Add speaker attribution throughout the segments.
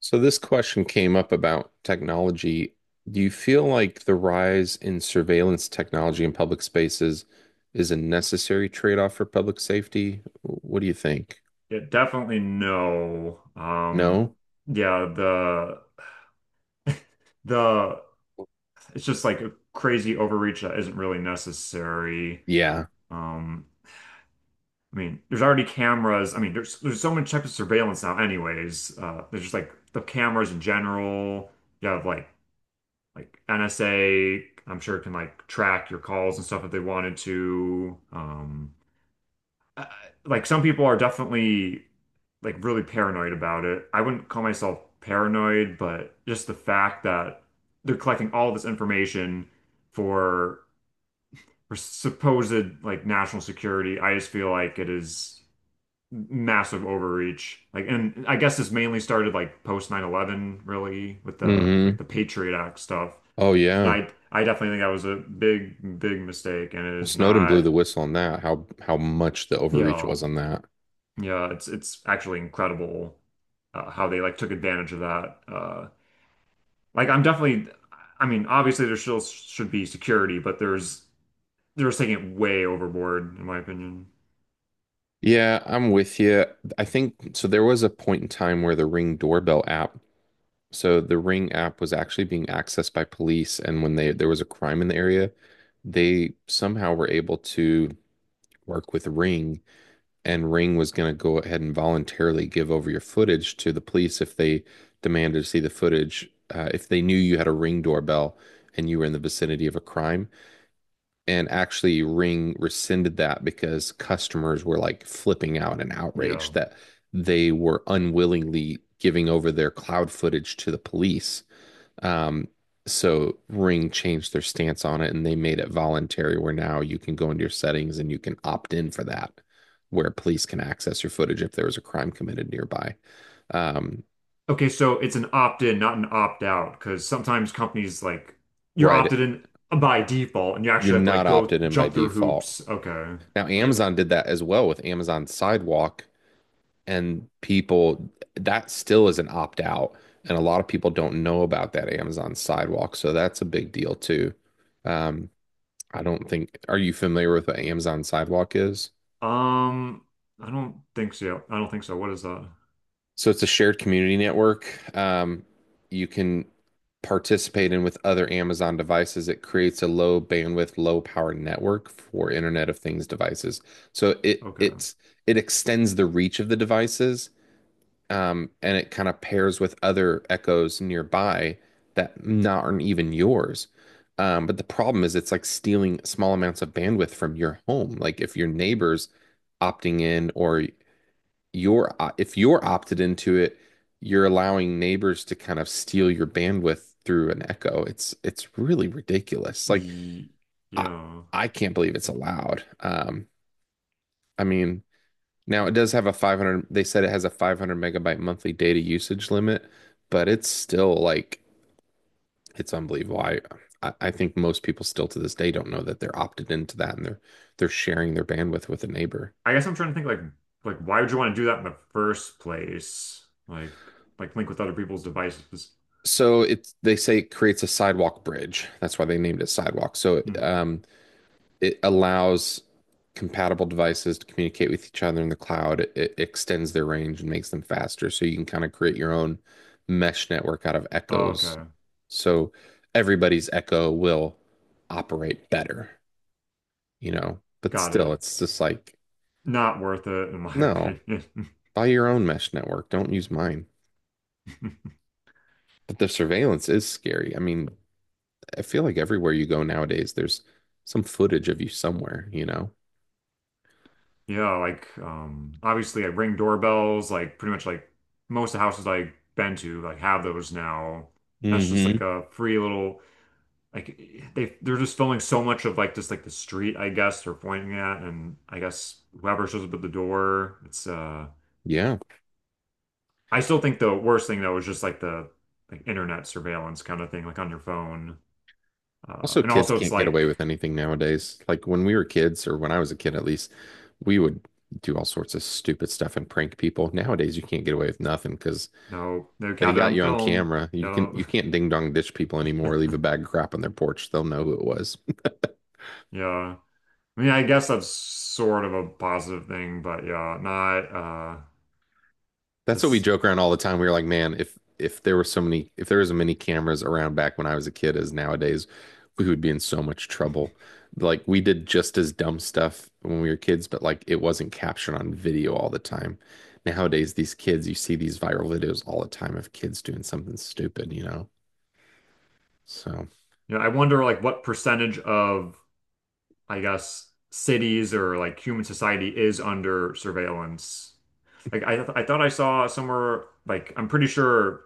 Speaker 1: So this question came up about technology. Do you feel like the rise in surveillance technology in public spaces is a necessary trade-off for public safety? What do you think?
Speaker 2: Yeah, definitely no.
Speaker 1: No?
Speaker 2: Yeah, the the it's just like a crazy overreach that isn't really necessary.
Speaker 1: Yeah.
Speaker 2: Um, I mean, there's already cameras. I mean, there's so many types of surveillance now anyways. There's just like the cameras in general. You have like NSA, I'm sure can like track your calls and stuff if they wanted to. Uh, like some people are definitely like really paranoid about it. I wouldn't call myself paranoid, but just the fact that they're collecting all this information for for supposed like national security, I just feel like it is massive overreach. Like, and I guess this mainly started like post 9/11, really, with the
Speaker 1: Hmm.
Speaker 2: like the Patriot Act stuff.
Speaker 1: Oh
Speaker 2: And
Speaker 1: yeah.
Speaker 2: I definitely think that was a big, big mistake, and it
Speaker 1: Well,
Speaker 2: is
Speaker 1: Snowden blew
Speaker 2: not.
Speaker 1: the whistle on that. How much the
Speaker 2: You
Speaker 1: overreach
Speaker 2: Yeah,
Speaker 1: was on that.
Speaker 2: yeah, it's actually incredible how they like took advantage of that. Like I'm definitely, I mean, obviously there still should be security, but there's they're just taking it way overboard in my opinion.
Speaker 1: Yeah, I'm with you. I think so. There was a point in time where the Ring doorbell app. So the Ring app was actually being accessed by police, and when they there was a crime in the area, they somehow were able to work with Ring, and Ring was going to go ahead and voluntarily give over your footage to the police if they demanded to see the footage, if they knew you had a Ring doorbell and you were in the vicinity of a crime. And actually, Ring rescinded that because customers were like flipping out and
Speaker 2: Yeah.
Speaker 1: outraged that they were unwillingly giving over their cloud footage to the police. um, so Ring changed their stance on it and they made it voluntary where now you can go into your settings and you can opt in for that, where police can access your footage if there was a crime committed nearby. Um,
Speaker 2: Okay, so it's an opt-in, not an opt-out, because sometimes companies like you're
Speaker 1: right.
Speaker 2: opted in by default, and you
Speaker 1: You're
Speaker 2: actually have to
Speaker 1: not
Speaker 2: like go
Speaker 1: opted in by
Speaker 2: jump through
Speaker 1: default.
Speaker 2: hoops. Okay,
Speaker 1: Now,
Speaker 2: right.
Speaker 1: Amazon did that as well with Amazon Sidewalk, and people, that still is an opt out. And a lot of people don't know about that Amazon Sidewalk. So that's a big deal too. Um, I don't think, are you familiar with what Amazon Sidewalk is?
Speaker 2: Um, I don't think so. I don't think so. What is that?
Speaker 1: So it's a shared community network. You can participate in with other Amazon devices. It creates a low bandwidth, low power network for Internet of Things devices. So it
Speaker 2: Okay.
Speaker 1: it's it extends the reach of the devices, and it kind of pairs with other Echoes nearby that not aren't even yours. But the problem is it's like stealing small amounts of bandwidth from your home. Like if your neighbors opting in or you're if you're opted into it, you're allowing neighbors to kind of steal your bandwidth through an echo. It's really ridiculous. Like
Speaker 2: Ye-
Speaker 1: I
Speaker 2: Yeah.
Speaker 1: I can't believe it's allowed. I mean, now it does have a 500, they said it has a 500 megabyte monthly data usage limit, but it's still like it's unbelievable. I think most people still to this day don't know that they're opted into that and they're sharing their bandwidth with a neighbor.
Speaker 2: I guess I'm trying to think like why would you want to do that in the first place? Like link with other people's devices.
Speaker 1: So it's they say it creates a sidewalk bridge. That's why they named it sidewalk. So
Speaker 2: Hmm.
Speaker 1: it allows compatible devices to communicate with each other in the cloud. It extends their range and makes them faster. So you can kind of create your own mesh network out of echoes.
Speaker 2: Okay.
Speaker 1: So everybody's echo will operate better, you know. But
Speaker 2: Got
Speaker 1: still,
Speaker 2: it.
Speaker 1: it's just like,
Speaker 2: Not worth it in my
Speaker 1: no,
Speaker 2: opinion.
Speaker 1: buy your own mesh network. Don't use mine. But the surveillance is scary. I mean, I feel like everywhere you go nowadays, there's some footage of you somewhere, you know?
Speaker 2: Yeah, like obviously like ring doorbells, like pretty much like most of the houses I've been to like have those now. That's just like
Speaker 1: Mm-hmm.
Speaker 2: a free little like they're just filming so much of like just like the street, I guess, they're pointing at and I guess whoever shows up at the door, it's.
Speaker 1: Yeah.
Speaker 2: I still think the worst thing though is just like the like internet surveillance kind of thing, like on your phone.
Speaker 1: Also,
Speaker 2: And
Speaker 1: kids
Speaker 2: also it's
Speaker 1: can't get away
Speaker 2: like
Speaker 1: with anything nowadays. Like when we were kids, or when I was a kid at least, we would do all sorts of stupid stuff and prank people. Nowadays, you can't get away with nothing because
Speaker 2: no, no
Speaker 1: they got
Speaker 2: countdown
Speaker 1: you on
Speaker 2: film.
Speaker 1: camera.
Speaker 2: No.
Speaker 1: You can't ding dong ditch people anymore. Leave a bag of crap on their porch. They'll know who it was.
Speaker 2: Yeah. I mean, I guess that's sort of a positive thing, but yeah, not.
Speaker 1: That's what we
Speaker 2: This
Speaker 1: joke around all the time. We were like, man, if there were so many, if there was as many cameras around back when I was a kid as nowadays, we would be in so much trouble. Like we did just as dumb stuff when we were kids, but like it wasn't captured on video all the time. Nowadays, these kids, you see these viral videos all the time of kids doing something stupid, you know? So,
Speaker 2: You know, I wonder like what percentage of I guess cities or like human society is under surveillance. Like I thought I saw somewhere like I'm pretty sure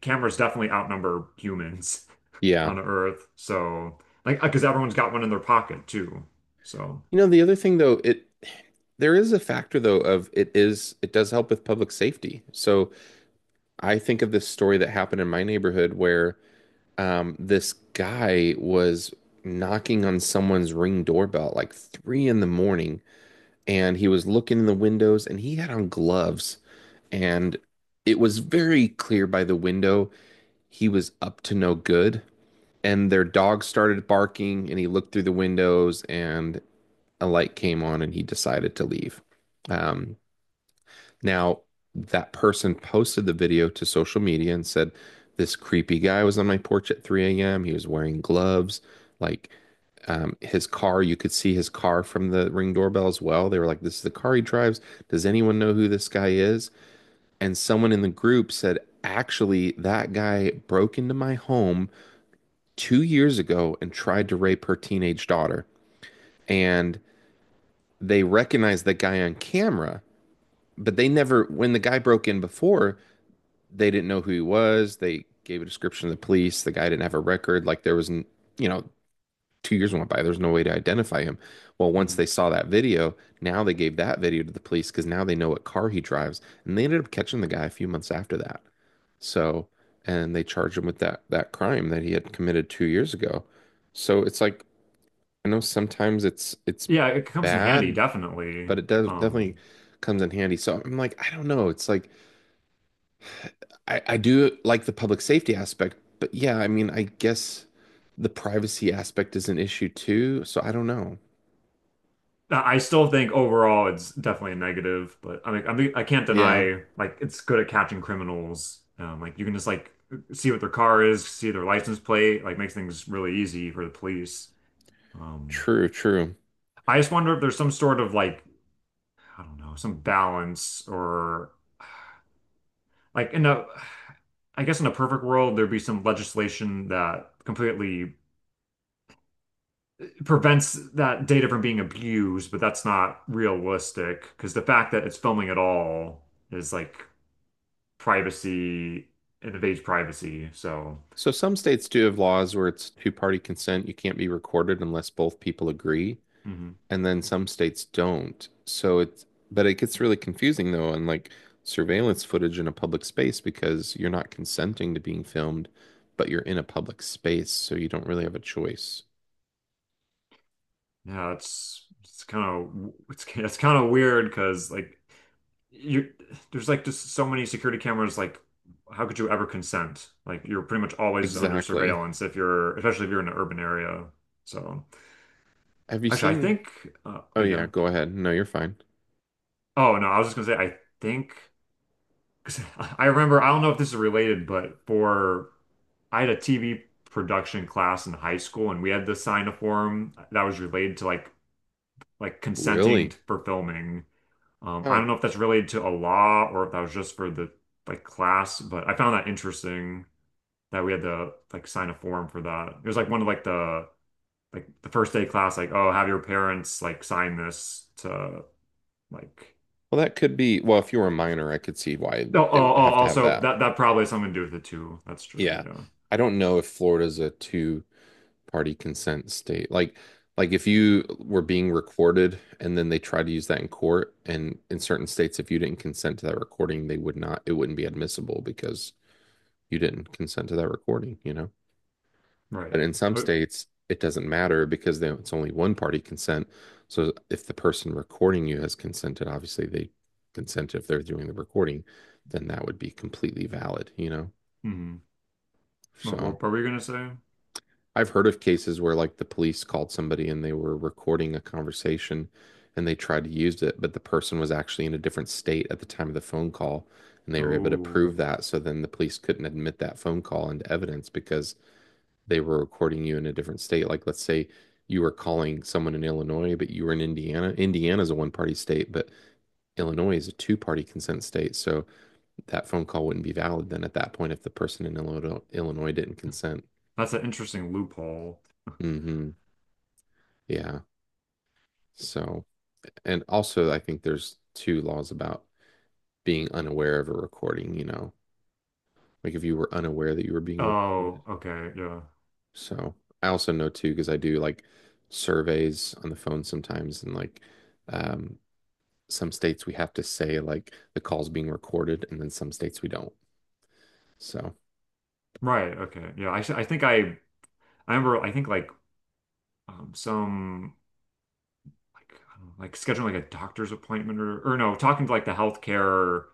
Speaker 2: cameras definitely outnumber humans
Speaker 1: yeah.
Speaker 2: on Earth. So, like, because everyone's got one in their pocket too. So,
Speaker 1: You know, the other thing though, it there is a factor though of it, is it does help with public safety. So, I think of this story that happened in my neighborhood where this guy was knocking on someone's ring doorbell at like 3 in the morning, and he was looking in the windows, and he had on gloves, and it was very clear by the window he was up to no good. And their dog started barking, and he looked through the windows, and a light came on, and he decided to leave. Um, Now, that person posted the video to social media and said, "This creepy guy was on my porch at 3 a.m. He was wearing gloves. Like his car, you could see his car from the ring doorbell as well." They were like, "This is the car he drives. Does anyone know who this guy is?" And someone in the group said, "Actually, that guy broke into my home 2 years ago and tried to rape her teenage daughter." And they recognized the guy on camera, but they never, when the guy broke in before, they didn't know who he was. They gave a description to the police. The guy didn't have a record. Like there was, you know, 2 years went by. There's no way to identify him. Well, once
Speaker 2: mhm.
Speaker 1: they saw that video, now they gave that video to the police because now they know what car he drives. And they ended up catching the guy a few months after that. So, and they charged him with that crime that he had committed 2 years ago. So it's like I know sometimes it's
Speaker 2: Yeah, it comes in handy,
Speaker 1: bad,
Speaker 2: definitely.
Speaker 1: but it does definitely
Speaker 2: Um,
Speaker 1: comes in handy. So I'm like, I don't know. It's like I do like the public safety aspect, but yeah, I mean, I guess the privacy aspect is an issue too. So I don't know.
Speaker 2: I still think overall it's definitely a negative, but I mean, I can't
Speaker 1: Yeah,
Speaker 2: deny like it's good at catching criminals. Like you can just like see what their car is, see their license plate, like makes things really easy for the police. Um,
Speaker 1: true, true.
Speaker 2: I just wonder if there's some sort of like, I don't know, some balance or like in a I guess in a perfect world there'd be some legislation that completely prevents that data from being abused, but that's not realistic because the fact that it's filming at all is like privacy, it invades privacy. So
Speaker 1: So some states do have laws where it's two-party consent. You can't be recorded unless both people agree,
Speaker 2: mhm.
Speaker 1: and then some states don't. So it's, but it gets really confusing though, on like surveillance footage in a public space because you're not consenting to being filmed, but you're in a public space, so you don't really have a choice.
Speaker 2: Yeah, it's kind of it's it's kind of weird because like you there's like just so many security cameras like how could you ever consent? Like you're pretty much always under
Speaker 1: Exactly.
Speaker 2: surveillance if you're, especially if you're in an urban area. So
Speaker 1: Have you
Speaker 2: actually, I
Speaker 1: seen?
Speaker 2: think.
Speaker 1: Oh yeah,
Speaker 2: Yeah.
Speaker 1: go ahead. No, you're fine.
Speaker 2: Oh no, I was just gonna say I think because I remember. I don't know if this is related, but for I had a TV production class in high school, and we had to sign a form that was related to like consenting
Speaker 1: Really?
Speaker 2: for filming. I
Speaker 1: Huh.
Speaker 2: don't know if that's related to a law or if that was just for the like class, but I found that interesting that we had to like sign a form for that. It was like one of like the first day class, like oh, have your parents like sign this to like.
Speaker 1: Well, that could be, well, if you were a minor, I could see why
Speaker 2: No, oh,
Speaker 1: they would
Speaker 2: oh,
Speaker 1: have to have
Speaker 2: also
Speaker 1: that.
Speaker 2: that that probably has something to do with it too. That's true.
Speaker 1: Yeah.
Speaker 2: Yeah.
Speaker 1: I don't know if Florida's a two-party consent state. Like if you were being recorded and then they try to use that in court and in certain states if you didn't consent to that recording, they would not it wouldn't be admissible because you didn't consent to that recording, you know? But
Speaker 2: Right.
Speaker 1: in some
Speaker 2: Uh,
Speaker 1: states, it doesn't matter because it's only one party consent. So if the person recording you has consented, obviously they consent if they're doing the recording, then that would be completely valid, you know?
Speaker 2: mhm.
Speaker 1: So
Speaker 2: What were we gonna say?
Speaker 1: I've heard of cases where like the police called somebody and they were recording a conversation and they tried to use it, but the person was actually in a different state at the time of the phone call and they were able to
Speaker 2: Oh,
Speaker 1: prove that. So then the police couldn't admit that phone call into evidence because they were recording you in a different state. Like let's say you were calling someone in Illinois, but you were in Indiana. Indiana's a one party state, but Illinois is a two party consent state. So that phone call wouldn't be valid then at that point if the person in Illinois didn't consent.
Speaker 2: that's an interesting loophole.
Speaker 1: Mm-hmm. Yeah. So, and also, I think there's two laws about being unaware of a recording, you know, like if you were unaware that you were being recorded.
Speaker 2: Oh, okay. Yeah.
Speaker 1: So I also know too, because I do like surveys on the phone sometimes and like, um, some states we have to say like the call's being recorded, and then some states we don't. So,
Speaker 2: Right. Okay. Yeah. I think I remember I think like some like I don't know, like scheduling like a doctor's appointment or no, talking to like the healthcare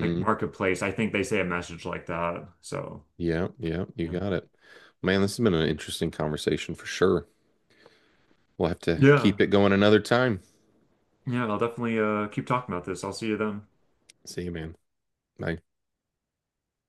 Speaker 2: like marketplace. I think they say a message like that. So,
Speaker 1: yeah, yeah, you
Speaker 2: yeah.
Speaker 1: got it. Man, this has been an interesting conversation for sure. We'll have to
Speaker 2: Yeah.
Speaker 1: keep it going another time.
Speaker 2: Yeah, I'll definitely keep talking about this. I'll see you then.
Speaker 1: See you, man. Bye.